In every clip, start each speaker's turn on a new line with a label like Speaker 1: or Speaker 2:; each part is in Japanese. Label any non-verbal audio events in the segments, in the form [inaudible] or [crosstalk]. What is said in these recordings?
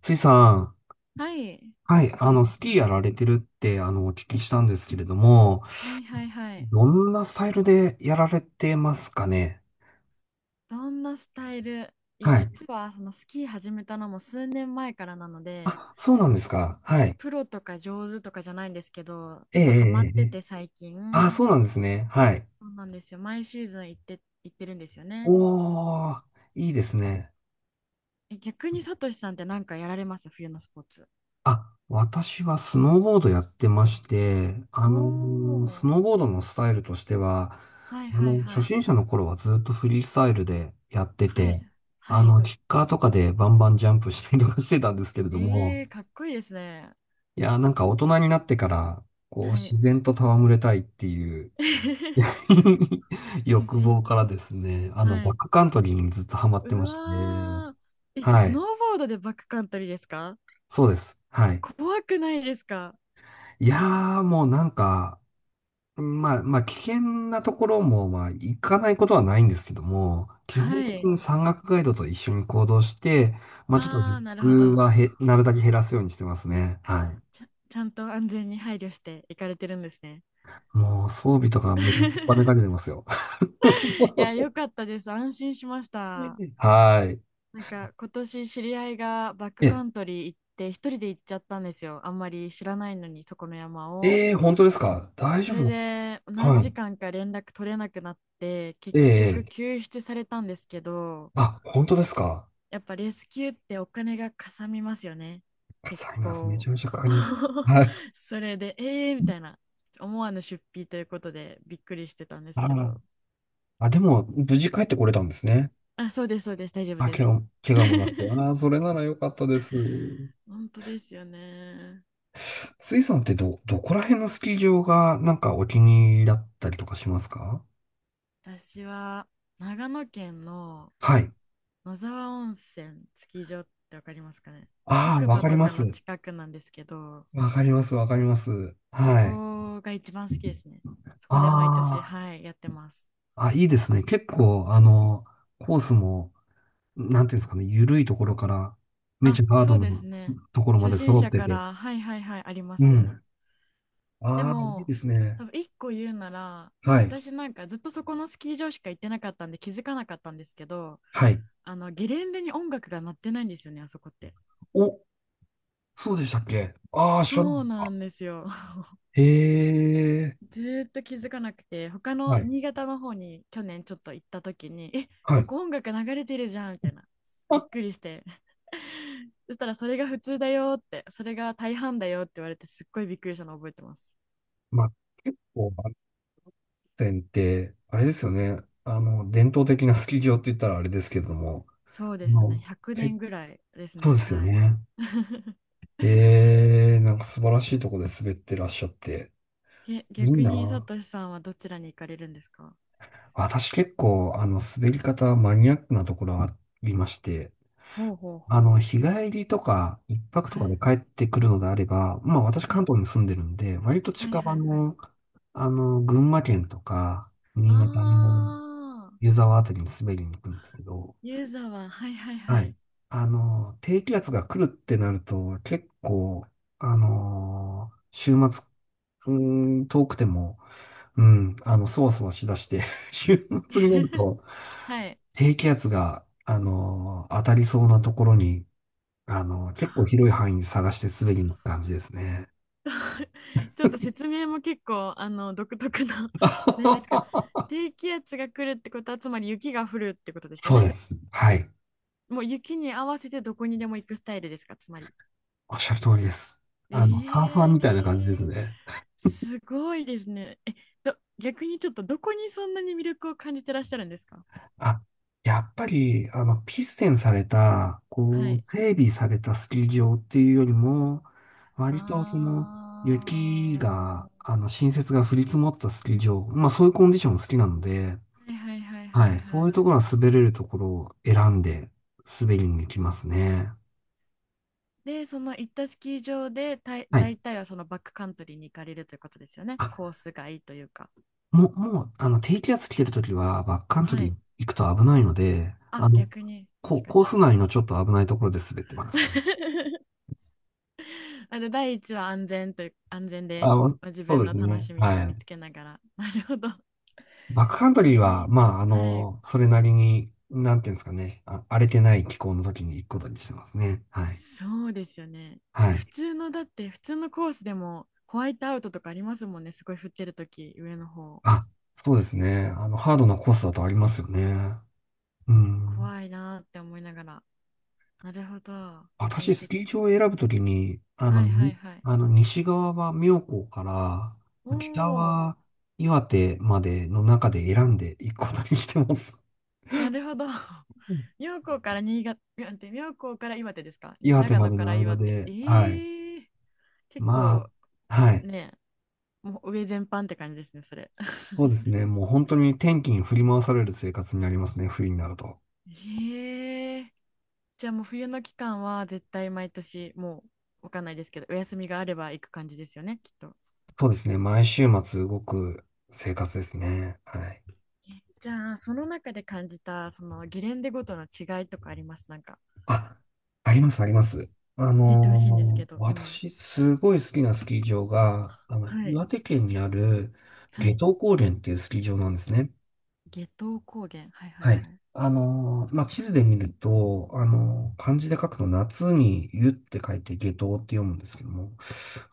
Speaker 1: ちいさん、
Speaker 2: はい。
Speaker 1: はい、
Speaker 2: どうしま
Speaker 1: ス
Speaker 2: した。
Speaker 1: キーや
Speaker 2: は
Speaker 1: られてるって、お聞きしたんですけれども、
Speaker 2: いはいはい。
Speaker 1: どんなスタイルでやられてますかね？
Speaker 2: どんなスタイル。いや、
Speaker 1: はい。
Speaker 2: 実はそのスキー始めたのも数年前からなので、
Speaker 1: あ、そうなんですか。
Speaker 2: こ
Speaker 1: は
Speaker 2: の
Speaker 1: い。
Speaker 2: プロとか上手とかじゃないんですけど、ち
Speaker 1: え
Speaker 2: ょっ
Speaker 1: え、
Speaker 2: とハマっ
Speaker 1: ええ、え
Speaker 2: て
Speaker 1: え。
Speaker 2: て最近。
Speaker 1: あ、そうなんですね。はい。
Speaker 2: そうなんですよ。毎シーズン行ってるんですよね。
Speaker 1: おー、いいですね。
Speaker 2: え、逆にサトシさんって何かやられます、冬のスポーツ。
Speaker 1: あ、私はスノーボードやってまして、あ
Speaker 2: お
Speaker 1: の、ス
Speaker 2: ー。
Speaker 1: ノーボードのスタイルとしては、
Speaker 2: はい
Speaker 1: あ
Speaker 2: はい
Speaker 1: の、初
Speaker 2: はい。
Speaker 1: 心者の頃はずっとフリースタイルでやって
Speaker 2: は
Speaker 1: て、
Speaker 2: い。
Speaker 1: あ
Speaker 2: はい。
Speaker 1: の、キッカーとかでバンバンジャンプしたりとかしてたんですけれども、
Speaker 2: えー、かっこいいですね。
Speaker 1: いや、なんか大人になってから、こう、
Speaker 2: は
Speaker 1: 自
Speaker 2: い。
Speaker 1: 然と戯れたいっていう [laughs]
Speaker 2: [laughs] 自
Speaker 1: 欲望
Speaker 2: 然。
Speaker 1: からですね、あの、
Speaker 2: は
Speaker 1: バッ
Speaker 2: い。
Speaker 1: クカントリーにずっとハマって
Speaker 2: う
Speaker 1: まして、
Speaker 2: わー。え、
Speaker 1: は
Speaker 2: スノ
Speaker 1: い、
Speaker 2: ーボードでバックカントリーですか。
Speaker 1: そうです。はい。
Speaker 2: 怖くないですか。
Speaker 1: いやー、もうなんか、まあ、危険なところも、まあ、行かないことはないんですけども、基本
Speaker 2: は
Speaker 1: 的
Speaker 2: い。
Speaker 1: に山岳ガイドと一緒に行動して、まあ、ちょっと
Speaker 2: あ
Speaker 1: リ
Speaker 2: あ、
Speaker 1: ス
Speaker 2: なるほ
Speaker 1: ク
Speaker 2: ど。
Speaker 1: はなるだけ減らすようにしてますね。は
Speaker 2: ちゃんと安全に配慮して行かれてるんですね。
Speaker 1: い。もう、装備とかめっちゃお金かけ
Speaker 2: [laughs]
Speaker 1: てますよ。
Speaker 2: いや、よか
Speaker 1: [laughs]
Speaker 2: ったです。安心しました。
Speaker 1: はい。
Speaker 2: なんか、今年知り合いがバックカ
Speaker 1: え、
Speaker 2: ントリー行って、一人で行っちゃったんですよ。あんまり知らないのに、そこの山を。
Speaker 1: えー、本当ですか？大
Speaker 2: そ
Speaker 1: 丈
Speaker 2: れ
Speaker 1: 夫？
Speaker 2: で、何
Speaker 1: は
Speaker 2: 時
Speaker 1: い。
Speaker 2: 間か連絡取れなくなって、結
Speaker 1: え
Speaker 2: 局
Speaker 1: え、
Speaker 2: 救出されたんですけど、
Speaker 1: あ、本当ですか？
Speaker 2: やっぱレスキューってお金がかさみますよね。
Speaker 1: か
Speaker 2: 結
Speaker 1: かります。めち
Speaker 2: 構。
Speaker 1: ゃめちゃかかります。
Speaker 2: [laughs]
Speaker 1: はい。
Speaker 2: それで、えーみたいな、思わぬ出費ということでびっくりしてたんです
Speaker 1: あ
Speaker 2: け
Speaker 1: ー、
Speaker 2: ど。
Speaker 1: あでも、無事帰ってこれたんですね。
Speaker 2: あ、そうです、そうです、大丈夫
Speaker 1: あ、
Speaker 2: です。
Speaker 1: 怪我もなったよ
Speaker 2: [laughs]
Speaker 1: な。それなら良かったです。
Speaker 2: 本当ですよね。
Speaker 1: スイさんってどこら辺のスキー場がなんかお気に入りだったりとかしますか？
Speaker 2: 私は長野県の
Speaker 1: はい。
Speaker 2: 野沢温泉スキー場ってわかりますかね。
Speaker 1: ああ、
Speaker 2: 白
Speaker 1: わ
Speaker 2: 馬
Speaker 1: かり
Speaker 2: と
Speaker 1: ま
Speaker 2: かの
Speaker 1: す。
Speaker 2: 近くなんですけど、
Speaker 1: わかります、わかります。
Speaker 2: そ
Speaker 1: はい。
Speaker 2: こが一番好きですね。そこで毎年、
Speaker 1: あ
Speaker 2: はい、やってます。
Speaker 1: あ、あ、いいですね。結構、あの、コースも、なんていうんですかね、緩いところから、めち
Speaker 2: あ、
Speaker 1: ゃハー
Speaker 2: そ
Speaker 1: ド
Speaker 2: うです
Speaker 1: の
Speaker 2: ね。
Speaker 1: ところま
Speaker 2: 初
Speaker 1: で
Speaker 2: 心
Speaker 1: 揃っ
Speaker 2: 者
Speaker 1: て
Speaker 2: か
Speaker 1: て。
Speaker 2: ら、はいはいはい、ありま
Speaker 1: う
Speaker 2: す。
Speaker 1: ん。
Speaker 2: で
Speaker 1: ああ、いい
Speaker 2: も、
Speaker 1: ですね。
Speaker 2: 多分一個言うなら、
Speaker 1: はい。
Speaker 2: 私なんかずっとそこのスキー場しか行ってなかったんで気づかなかったんですけど、
Speaker 1: はい。
Speaker 2: あの、ゲレンデに音楽が鳴ってないんですよね、あそこって。
Speaker 1: お、そうでしたっけ？ああー、知らなか
Speaker 2: そう
Speaker 1: っ
Speaker 2: なんですよ。[laughs]
Speaker 1: た。へえ。
Speaker 2: ずーっと気づかなくて、他
Speaker 1: は
Speaker 2: の
Speaker 1: い
Speaker 2: 新潟の方に去年ちょっと行った時に、え、
Speaker 1: は
Speaker 2: こ
Speaker 1: い。
Speaker 2: こ音楽流れてるじゃん、みたいな。びっく
Speaker 1: [laughs]
Speaker 2: りして。[laughs] そしたらそれが普通だよって、それが大半だよって言われて、すっごいびっくりしたのを覚えてます。
Speaker 1: まあ、結構、バンテンって、あれですよね。あの、伝統的なスキー場って言ったらあれですけども、
Speaker 2: そう
Speaker 1: あ
Speaker 2: ですね。
Speaker 1: の、
Speaker 2: 100
Speaker 1: せ
Speaker 2: 年ぐらいです
Speaker 1: そう
Speaker 2: ね。
Speaker 1: ですよ
Speaker 2: はい。
Speaker 1: ね。
Speaker 2: [laughs]
Speaker 1: ええ、なんか素晴らしいとこで滑ってらっしゃって、
Speaker 2: げ
Speaker 1: いい
Speaker 2: 逆にサ
Speaker 1: な。
Speaker 2: トシさんはどちらに行かれるんですか。
Speaker 1: 私結構、あの、滑り方マニアックなところがありまして、
Speaker 2: ほうほうほ
Speaker 1: あ
Speaker 2: う。
Speaker 1: の、日帰りとか、一泊
Speaker 2: は
Speaker 1: とかで
Speaker 2: い。
Speaker 1: 帰ってくるのであれば、まあ私
Speaker 2: は
Speaker 1: 関
Speaker 2: い。
Speaker 1: 東に住んでるんで、割と
Speaker 2: はい
Speaker 1: 近
Speaker 2: は
Speaker 1: 場
Speaker 2: いはい。
Speaker 1: の、あの、群馬県とか、新
Speaker 2: あ
Speaker 1: 潟の
Speaker 2: あ、
Speaker 1: 湯沢あたりに滑りに行くんですけど、
Speaker 2: ユーザーは、はいはいは
Speaker 1: は
Speaker 2: い。
Speaker 1: い。あの、低気圧が来るってなると、結構、あの、週末、うーん、遠くても、うん、あの、そわそわしだして [laughs] 週末になる
Speaker 2: [laughs]
Speaker 1: と、
Speaker 2: はい。
Speaker 1: 低気圧が、あの、当たりそうなところに、あの、結構広い範囲に探して滑りに行く感じですね。
Speaker 2: ちょっと説明も結構、あの、独特な、[laughs] 何ですか。
Speaker 1: [laughs]
Speaker 2: 低気圧が来るってことは、つまり雪が降るってことですよ
Speaker 1: そう
Speaker 2: ね。
Speaker 1: です。はい。
Speaker 2: もう雪に合わせてどこにでも行くスタイルですか、つまり。
Speaker 1: おっしゃる通りです。あの、サーファー
Speaker 2: え
Speaker 1: みたいな感じで
Speaker 2: え、
Speaker 1: すね。
Speaker 2: すごいですね。え、逆にちょっとどこにそんなに魅力を感じてらっしゃるんですか。
Speaker 1: あ、やっぱり、あの、ピステンされた、
Speaker 2: は
Speaker 1: こう、
Speaker 2: い。
Speaker 1: 整備されたスキー場っていうよりも、
Speaker 2: あ、
Speaker 1: 割とその、雪が、あの、新雪が降り積もったスキー場、まあそういうコンディション好きなので、
Speaker 2: はいはいはいは
Speaker 1: は
Speaker 2: い
Speaker 1: い、そうい
Speaker 2: は
Speaker 1: う
Speaker 2: い。
Speaker 1: ところは滑れるところを選んで滑りに行きますね。
Speaker 2: で、その行ったスキー場でたい、
Speaker 1: はい。
Speaker 2: 大体はそのバックカントリーに行かれるということですよね。
Speaker 1: あ、
Speaker 2: コース外というか。
Speaker 1: もう、あの、低気圧来てるときは、バックカント
Speaker 2: は
Speaker 1: リ
Speaker 2: い。
Speaker 1: ー行くと危ないので、
Speaker 2: あ、
Speaker 1: あの、
Speaker 2: 逆に、確か
Speaker 1: コー
Speaker 2: に。
Speaker 1: ス内のちょっと危ないところで滑ってます。
Speaker 2: [laughs] あの、第一は安全という、安全で、
Speaker 1: あ、
Speaker 2: まあ自
Speaker 1: そう
Speaker 2: 分
Speaker 1: で
Speaker 2: の
Speaker 1: す
Speaker 2: 楽
Speaker 1: ね。
Speaker 2: しみを
Speaker 1: は
Speaker 2: 見
Speaker 1: い。
Speaker 2: つけながら。なるほど。
Speaker 1: バックカント
Speaker 2: え
Speaker 1: リー
Speaker 2: ー、
Speaker 1: は、まあ、あ
Speaker 2: はい。
Speaker 1: の、それなりに、なんていうんですかね、あ、荒れてない気候の時に行くことにしてますね。はい。
Speaker 2: そうですよね。
Speaker 1: はい。
Speaker 2: 普通のだって普通のコースでもホワイトアウトとかありますもんね。すごい降ってるとき上の方。
Speaker 1: あ、そうですね。あの、ハードなコースだとありますよね。う
Speaker 2: いや
Speaker 1: ん。
Speaker 2: 怖いなーって思いながら。なるほど。え
Speaker 1: 私、
Speaker 2: ー、じ
Speaker 1: ス
Speaker 2: ゃあ
Speaker 1: キー
Speaker 2: ち、
Speaker 1: 場を選ぶときに、
Speaker 2: はいはいはい。
Speaker 1: あの、西側は妙高か
Speaker 2: お
Speaker 1: ら、北
Speaker 2: お、
Speaker 1: は岩手までの中で選んでいくことにしてます。
Speaker 2: なるほど。[laughs]
Speaker 1: うん、
Speaker 2: 妙高から新潟、妙高から岩手ですかに、
Speaker 1: 岩手
Speaker 2: 長
Speaker 1: ま
Speaker 2: 野
Speaker 1: で
Speaker 2: か
Speaker 1: の
Speaker 2: ら
Speaker 1: 間
Speaker 2: 岩手。え
Speaker 1: で、はい。
Speaker 2: ー、結
Speaker 1: ま
Speaker 2: 構
Speaker 1: あ、はい。
Speaker 2: ね、もう上全般って感じですね、それ。[laughs]
Speaker 1: そうですね。もう本当に天気に振り回される生活になりますね。冬になると。
Speaker 2: ええ、じゃあもう冬の期間は絶対毎年も、うわかんないですけど、お休みがあれば行く感じですよね、きっと。
Speaker 1: そうですね。毎週末動く生活ですね。はい。
Speaker 2: じゃあその中で感じたそのゲレンデごとの違いとかあります、なんか
Speaker 1: あ、あります、あります。あ
Speaker 2: 教えてほしいんですけ
Speaker 1: のー
Speaker 2: ど。うん。
Speaker 1: 私、すごい好きなスキー場が、あの、
Speaker 2: はい
Speaker 1: 岩手県にある
Speaker 2: は
Speaker 1: 夏
Speaker 2: い。
Speaker 1: 油高原っていうスキー場なんですね。
Speaker 2: 夏油高原、はいはい
Speaker 1: は
Speaker 2: は
Speaker 1: い。
Speaker 2: い。
Speaker 1: あのーまあ、地図で見ると、あのー漢字で書くと夏に湯って書いて夏油って読むんですけども、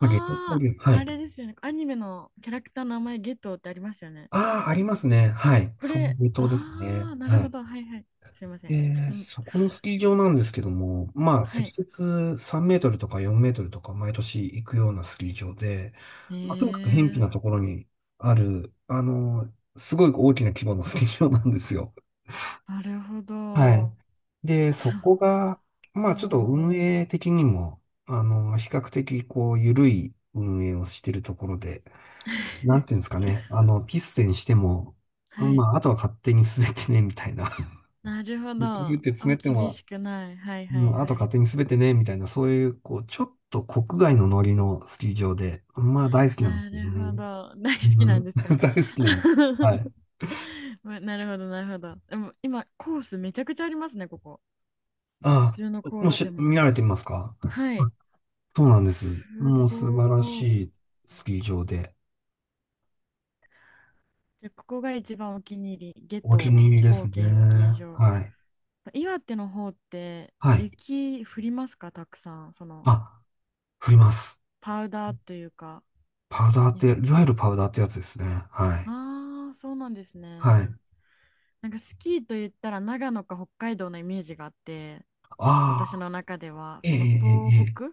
Speaker 1: まあ、夏油高
Speaker 2: あ、
Speaker 1: 原、は
Speaker 2: あ
Speaker 1: い。
Speaker 2: れですよね、アニメのキャラクターの名前、ゲトウってありましたよね。
Speaker 1: ああ、ありますね。はい。
Speaker 2: こ
Speaker 1: そう
Speaker 2: れ、
Speaker 1: いう、島です
Speaker 2: あ
Speaker 1: ね。
Speaker 2: あ、なる
Speaker 1: は
Speaker 2: ほ
Speaker 1: い。
Speaker 2: ど、はいはい、すいません。
Speaker 1: で、
Speaker 2: うん、
Speaker 1: そこのスキー場なんですけども、まあ、
Speaker 2: は
Speaker 1: 積
Speaker 2: い。
Speaker 1: 雪3メートルとか4メートルとか毎年行くようなスキー場で、
Speaker 2: え
Speaker 1: まあ、とにかく偏僻
Speaker 2: ー、
Speaker 1: なところにある、あの、すごい大きな規模のスキー場なんですよ。
Speaker 2: なるほ
Speaker 1: は
Speaker 2: ど。
Speaker 1: い。で、そ
Speaker 2: そ
Speaker 1: こ
Speaker 2: う。
Speaker 1: が、ま
Speaker 2: お
Speaker 1: あ、ちょっ
Speaker 2: う
Speaker 1: と
Speaker 2: おうお
Speaker 1: 運
Speaker 2: う、
Speaker 1: 営的にも、あの、比較的、こう、緩い運営をしているところで、なんていうんですかね。あの、ピステにしても、う
Speaker 2: は
Speaker 1: ん、
Speaker 2: い。
Speaker 1: まあ、あとは勝手に滑ってね、みたいな。[laughs]
Speaker 2: なるほど。
Speaker 1: 結局っ
Speaker 2: あ、
Speaker 1: て詰めて
Speaker 2: 厳
Speaker 1: も、
Speaker 2: しくない。はい
Speaker 1: う
Speaker 2: はい
Speaker 1: ん、あと
Speaker 2: は
Speaker 1: は
Speaker 2: い。
Speaker 1: 勝手に滑ってね、みたいな、そういう、こう、ちょっと国外のノリのスキー場で、まあ、大好きなんで
Speaker 2: な
Speaker 1: すよ
Speaker 2: るほ
Speaker 1: ね。
Speaker 2: ど。大好
Speaker 1: う
Speaker 2: きなん
Speaker 1: ん、
Speaker 2: です
Speaker 1: [laughs]
Speaker 2: か。
Speaker 1: 大好きなの。
Speaker 2: [laughs]
Speaker 1: はい。
Speaker 2: ま、なるほどなるほど。でも今、コースめちゃくちゃありますね、ここ。普
Speaker 1: あ
Speaker 2: 通の
Speaker 1: あ、
Speaker 2: コー
Speaker 1: も
Speaker 2: スで
Speaker 1: し、見
Speaker 2: も。
Speaker 1: られてみますか？
Speaker 2: はい。
Speaker 1: あ、そうなんです。
Speaker 2: す
Speaker 1: もう素晴ら
Speaker 2: ごい。
Speaker 1: しいスキー場で、
Speaker 2: でここが一番お気に入り。夏
Speaker 1: お気
Speaker 2: 油
Speaker 1: に入りです
Speaker 2: 高
Speaker 1: ね。
Speaker 2: 原スキー場。
Speaker 1: はい。
Speaker 2: 岩手の方って
Speaker 1: はい。
Speaker 2: 雪降りますか、たくさん。その、
Speaker 1: あ、振ります。
Speaker 2: パウダーというか。
Speaker 1: パウダーって、いわゆるパウダーってやつですね。はい。
Speaker 2: ああー、そうなんです
Speaker 1: はい。
Speaker 2: ね。なんかスキーと言ったら長野か北海道のイメージがあって、私
Speaker 1: ああ、
Speaker 2: の中では
Speaker 1: ええ、
Speaker 2: そ
Speaker 1: え
Speaker 2: の
Speaker 1: え、え
Speaker 2: 東
Speaker 1: え。
Speaker 2: 北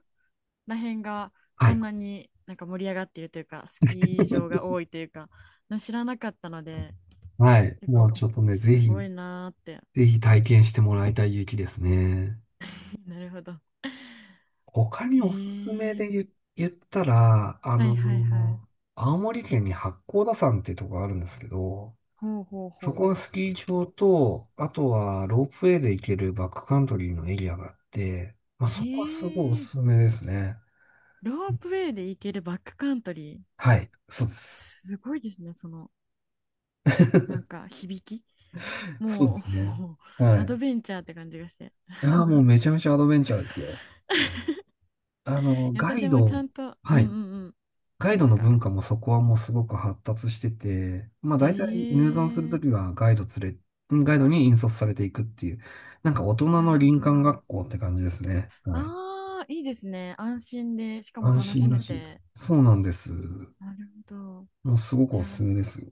Speaker 2: ら辺が
Speaker 1: は
Speaker 2: こ
Speaker 1: い。
Speaker 2: んなになんか盛り上がっているというか、スキー場が
Speaker 1: [laughs]
Speaker 2: 多いというか、知らなかったので、
Speaker 1: はい。
Speaker 2: 結
Speaker 1: も
Speaker 2: 構、
Speaker 1: うち
Speaker 2: え、
Speaker 1: ょっとね、
Speaker 2: すごいなーって。
Speaker 1: ぜひ体験してもらいたい雪ですね。
Speaker 2: [laughs] なるほど。 [laughs]
Speaker 1: 他に
Speaker 2: へ
Speaker 1: おすすめ
Speaker 2: え、
Speaker 1: で言ったら、あ
Speaker 2: はいはいはい、
Speaker 1: の、青森県に八甲田山っていうところがあるんですけど、
Speaker 2: ほうほう
Speaker 1: そこ
Speaker 2: ほ
Speaker 1: はス
Speaker 2: う、
Speaker 1: キー場と、あとはロープウェイで行けるバックカントリーのエリアがあって、まあ、
Speaker 2: へ
Speaker 1: そこはすごいお
Speaker 2: え。
Speaker 1: すすめですね。
Speaker 2: ロープウェイで行けるバックカントリー。
Speaker 1: はい。そうです。
Speaker 2: すごいですね、その、なんか響き、
Speaker 1: そうで
Speaker 2: も
Speaker 1: す
Speaker 2: う
Speaker 1: ね。
Speaker 2: [laughs]
Speaker 1: は
Speaker 2: ア
Speaker 1: い。
Speaker 2: ドベンチャーって感じがして。
Speaker 1: いやー、もうめちゃめちゃアドベンチャーですよ。あの、ガ
Speaker 2: 私
Speaker 1: イ
Speaker 2: もちゃ
Speaker 1: ド、
Speaker 2: んと、う
Speaker 1: は
Speaker 2: んう
Speaker 1: い。
Speaker 2: んうん。
Speaker 1: ガイ
Speaker 2: 何で
Speaker 1: ド
Speaker 2: す
Speaker 1: の
Speaker 2: か。
Speaker 1: 文化もそこはもうすごく発達してて、まあ
Speaker 2: へ
Speaker 1: 大体入山すると
Speaker 2: え、
Speaker 1: きはガイドに引率されていくっていう、なんか大人
Speaker 2: なる
Speaker 1: の
Speaker 2: ほ
Speaker 1: 林
Speaker 2: ど。
Speaker 1: 間
Speaker 2: あ
Speaker 1: 学校って感じですね。はい。
Speaker 2: あ、いいですね。安心で、しかも
Speaker 1: 安
Speaker 2: 楽し
Speaker 1: 心ら
Speaker 2: め
Speaker 1: しい。
Speaker 2: て。
Speaker 1: そうなんです。
Speaker 2: なるほど。
Speaker 1: もうすご
Speaker 2: い
Speaker 1: くお
Speaker 2: や
Speaker 1: すすめで
Speaker 2: ー、
Speaker 1: すよ。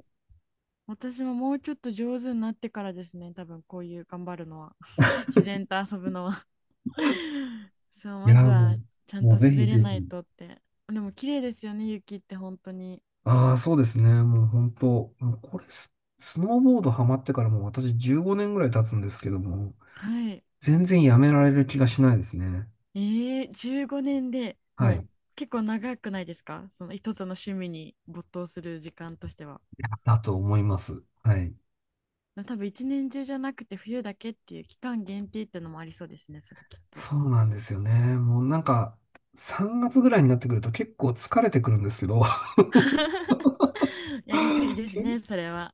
Speaker 2: 私ももうちょっと上手になってからですね。多分こういう頑張るのは。[laughs] 自然と遊ぶのは [laughs] そう、
Speaker 1: い
Speaker 2: ま
Speaker 1: や
Speaker 2: ず
Speaker 1: ー、
Speaker 2: は
Speaker 1: も
Speaker 2: ちゃ
Speaker 1: う、
Speaker 2: ん
Speaker 1: も
Speaker 2: と
Speaker 1: うぜひ
Speaker 2: 滑れ
Speaker 1: ぜ
Speaker 2: ない
Speaker 1: ひ。
Speaker 2: とって。でも綺麗ですよね、雪って本当に。
Speaker 1: ああ、そうですね。もう本当、もうこれス、スノーボードハマってからもう私15年ぐらい経つんですけども、
Speaker 2: はい。
Speaker 1: 全然やめられる気がしないですね。
Speaker 2: ええ、15年で
Speaker 1: は
Speaker 2: もう
Speaker 1: い。
Speaker 2: 結構長くないですか、その一つの趣味に没頭する時間としては。
Speaker 1: だと思います。はい。
Speaker 2: 多分一年中じゃなくて冬だけっていう期間限定ってのもありそうですね、それきっと。
Speaker 1: そうなんですよね。もうなんか、3月ぐらいになってくると結構疲れてくるんですけど、
Speaker 2: [laughs] やりすぎ
Speaker 1: [laughs]
Speaker 2: です
Speaker 1: け
Speaker 2: ね、それは。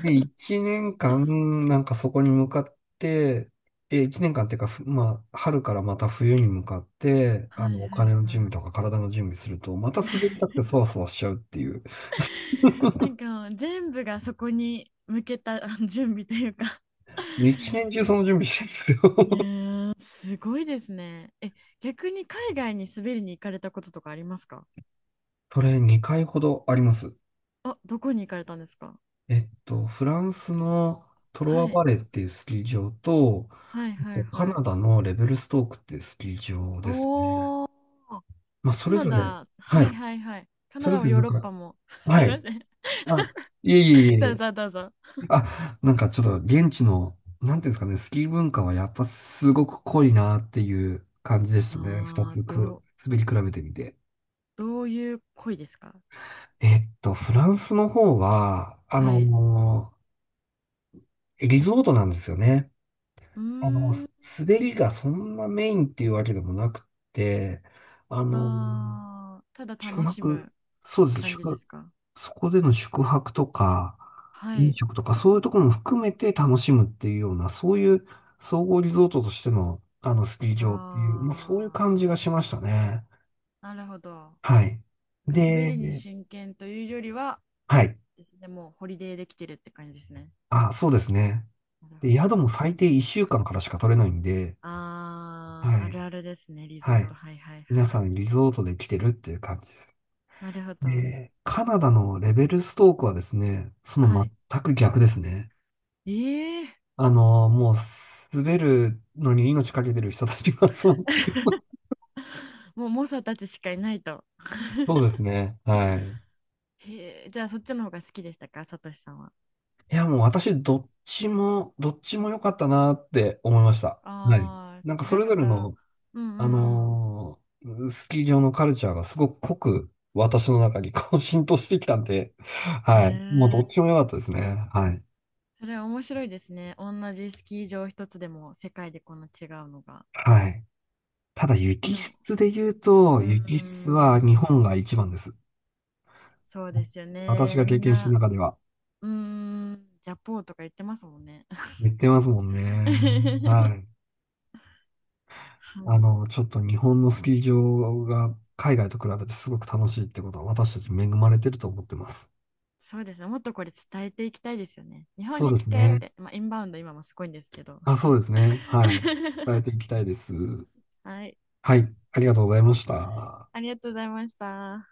Speaker 1: ね いちねんかん、1年間なんかそこに向かって、え、1年間っていうか、ふまあ、春からまた冬に向かって、あ
Speaker 2: はい
Speaker 1: の、お
Speaker 2: はい
Speaker 1: 金の
Speaker 2: は
Speaker 1: 準備
Speaker 2: い。
Speaker 1: とか体の準備すると、また滑りたくてそわそわしちゃうっていう。
Speaker 2: なんか全部がそこに向けたあの [laughs] 準備というか。
Speaker 1: 一年中その準備してるんですよ。
Speaker 2: ねえ、すごいですね。え、逆に海外に滑りに行かれたこととかありますか。
Speaker 1: [laughs] それ2回ほどあります。
Speaker 2: あ、どこに行かれたんですか。
Speaker 1: えっと、フランスのトロワ
Speaker 2: はい、
Speaker 1: バレーっていうスキー場と、
Speaker 2: はい
Speaker 1: あ
Speaker 2: は
Speaker 1: と
Speaker 2: い
Speaker 1: カ
Speaker 2: は
Speaker 1: ナ
Speaker 2: い。
Speaker 1: ダのレベルストークっていうスキー場ですね。
Speaker 2: おー、
Speaker 1: まあ、そ
Speaker 2: カ
Speaker 1: れ
Speaker 2: ナ
Speaker 1: ぞれ、
Speaker 2: ダ、
Speaker 1: は
Speaker 2: はい
Speaker 1: い。
Speaker 2: はいはい。カ
Speaker 1: そ
Speaker 2: ナ
Speaker 1: れ
Speaker 2: ダ
Speaker 1: ぞ
Speaker 2: も
Speaker 1: れ
Speaker 2: ヨー
Speaker 1: なん
Speaker 2: ロッ
Speaker 1: か、
Speaker 2: パも。[laughs] す
Speaker 1: は
Speaker 2: いま
Speaker 1: い。
Speaker 2: せん。
Speaker 1: あ、いえい
Speaker 2: [laughs]
Speaker 1: えい
Speaker 2: どう
Speaker 1: え。
Speaker 2: ぞどうぞ。
Speaker 1: あ、なんかちょっと現地の、なんていうんですかね、スキー文化はやっぱすごく濃いなっていう感じでしたね。二
Speaker 2: ああ、
Speaker 1: つ
Speaker 2: ど
Speaker 1: く、
Speaker 2: う、
Speaker 1: 滑り比べてみて。
Speaker 2: どういう恋ですか。
Speaker 1: えっと、フランスの方は、あ
Speaker 2: はい。
Speaker 1: のーリゾートなんですよね。
Speaker 2: うー
Speaker 1: あの、
Speaker 2: ん。
Speaker 1: 滑りがそんなメインっていうわけでもなくて、あの、
Speaker 2: ああ、ただ
Speaker 1: 宿
Speaker 2: 楽し
Speaker 1: 泊、
Speaker 2: む
Speaker 1: そうですね、
Speaker 2: 感じですか。
Speaker 1: そこでの宿泊とか、
Speaker 2: は
Speaker 1: 飲
Speaker 2: い。
Speaker 1: 食とか、そういうところも含めて楽しむっていうような、そういう総合リゾートとしての、あの、スキー場っていう、まあ、そういう
Speaker 2: あ
Speaker 1: 感じがしましたね。
Speaker 2: あ、なるほど。な
Speaker 1: はい。
Speaker 2: んか滑りに
Speaker 1: で、
Speaker 2: 真剣というよりは
Speaker 1: はい。
Speaker 2: ですね、もうホリデーできてるって感じですね。
Speaker 1: あ、そうですね。
Speaker 2: なるほ
Speaker 1: で、
Speaker 2: ど、
Speaker 1: 宿
Speaker 2: なる
Speaker 1: も
Speaker 2: ほど。
Speaker 1: 最低1週間かんからしか取れないんで、
Speaker 2: あ
Speaker 1: は
Speaker 2: あ、あ
Speaker 1: い。
Speaker 2: るあるですね、リゾ
Speaker 1: は
Speaker 2: ー
Speaker 1: い。
Speaker 2: ト。はいはいは
Speaker 1: 皆
Speaker 2: い。
Speaker 1: さんリゾートで来てるっていう感じです。
Speaker 2: なるほど。
Speaker 1: えーカナダのレベルストークはですね、そ
Speaker 2: は
Speaker 1: の
Speaker 2: い。
Speaker 1: 全く逆ですね。
Speaker 2: ええ、
Speaker 1: あの、もう滑るのに命かけてる人たちが集まってる。
Speaker 2: もう猛者たちしかいないと。
Speaker 1: [laughs] そうですね。はい。
Speaker 2: へえ、じゃあそっちの方が好きでしたか、さとしさんは。
Speaker 1: いや、もう私、どっちも良かったなって思いました。はい。
Speaker 2: ああ、
Speaker 1: なんかそ
Speaker 2: 違っ
Speaker 1: れぞれ
Speaker 2: た。
Speaker 1: の、
Speaker 2: うんう
Speaker 1: あ
Speaker 2: んうん。
Speaker 1: のースキー場のカルチャーがすごく濃く私の中にこう浸透してきたんで、
Speaker 2: へ
Speaker 1: はい。もうどっち
Speaker 2: え、
Speaker 1: も良かったですね。はい。
Speaker 2: それは面白いですね。同じスキー場一つでも世界でこんな違うのが。
Speaker 1: はい。ただ雪
Speaker 2: でも、
Speaker 1: 質で言うと、
Speaker 2: うー
Speaker 1: 雪質は日
Speaker 2: ん、
Speaker 1: 本が一番です。
Speaker 2: そうですよ
Speaker 1: 私
Speaker 2: ね。
Speaker 1: が
Speaker 2: み
Speaker 1: 経
Speaker 2: ん
Speaker 1: 験した
Speaker 2: な、
Speaker 1: 中では。
Speaker 2: うーん、ジャポーとか言ってますもんね。
Speaker 1: 言ってますもんね。は
Speaker 2: [laughs]
Speaker 1: い。
Speaker 2: は
Speaker 1: あ
Speaker 2: い。
Speaker 1: の、ちょっと日本のスキー場が海外と比べてすごく楽しいってことは私たち恵まれてると思ってます。
Speaker 2: そうですね。もっとこれ伝えていきたいですよね。日本
Speaker 1: そう
Speaker 2: に
Speaker 1: で
Speaker 2: 来
Speaker 1: す
Speaker 2: てっ
Speaker 1: ね。
Speaker 2: て。まあ、インバウンド今もすごいんですけど。
Speaker 1: あ、そうですね。はい。伝えてい
Speaker 2: [laughs]
Speaker 1: きたいです。
Speaker 2: はい。
Speaker 1: はい。ありがとうございました。
Speaker 2: ありがとうございました。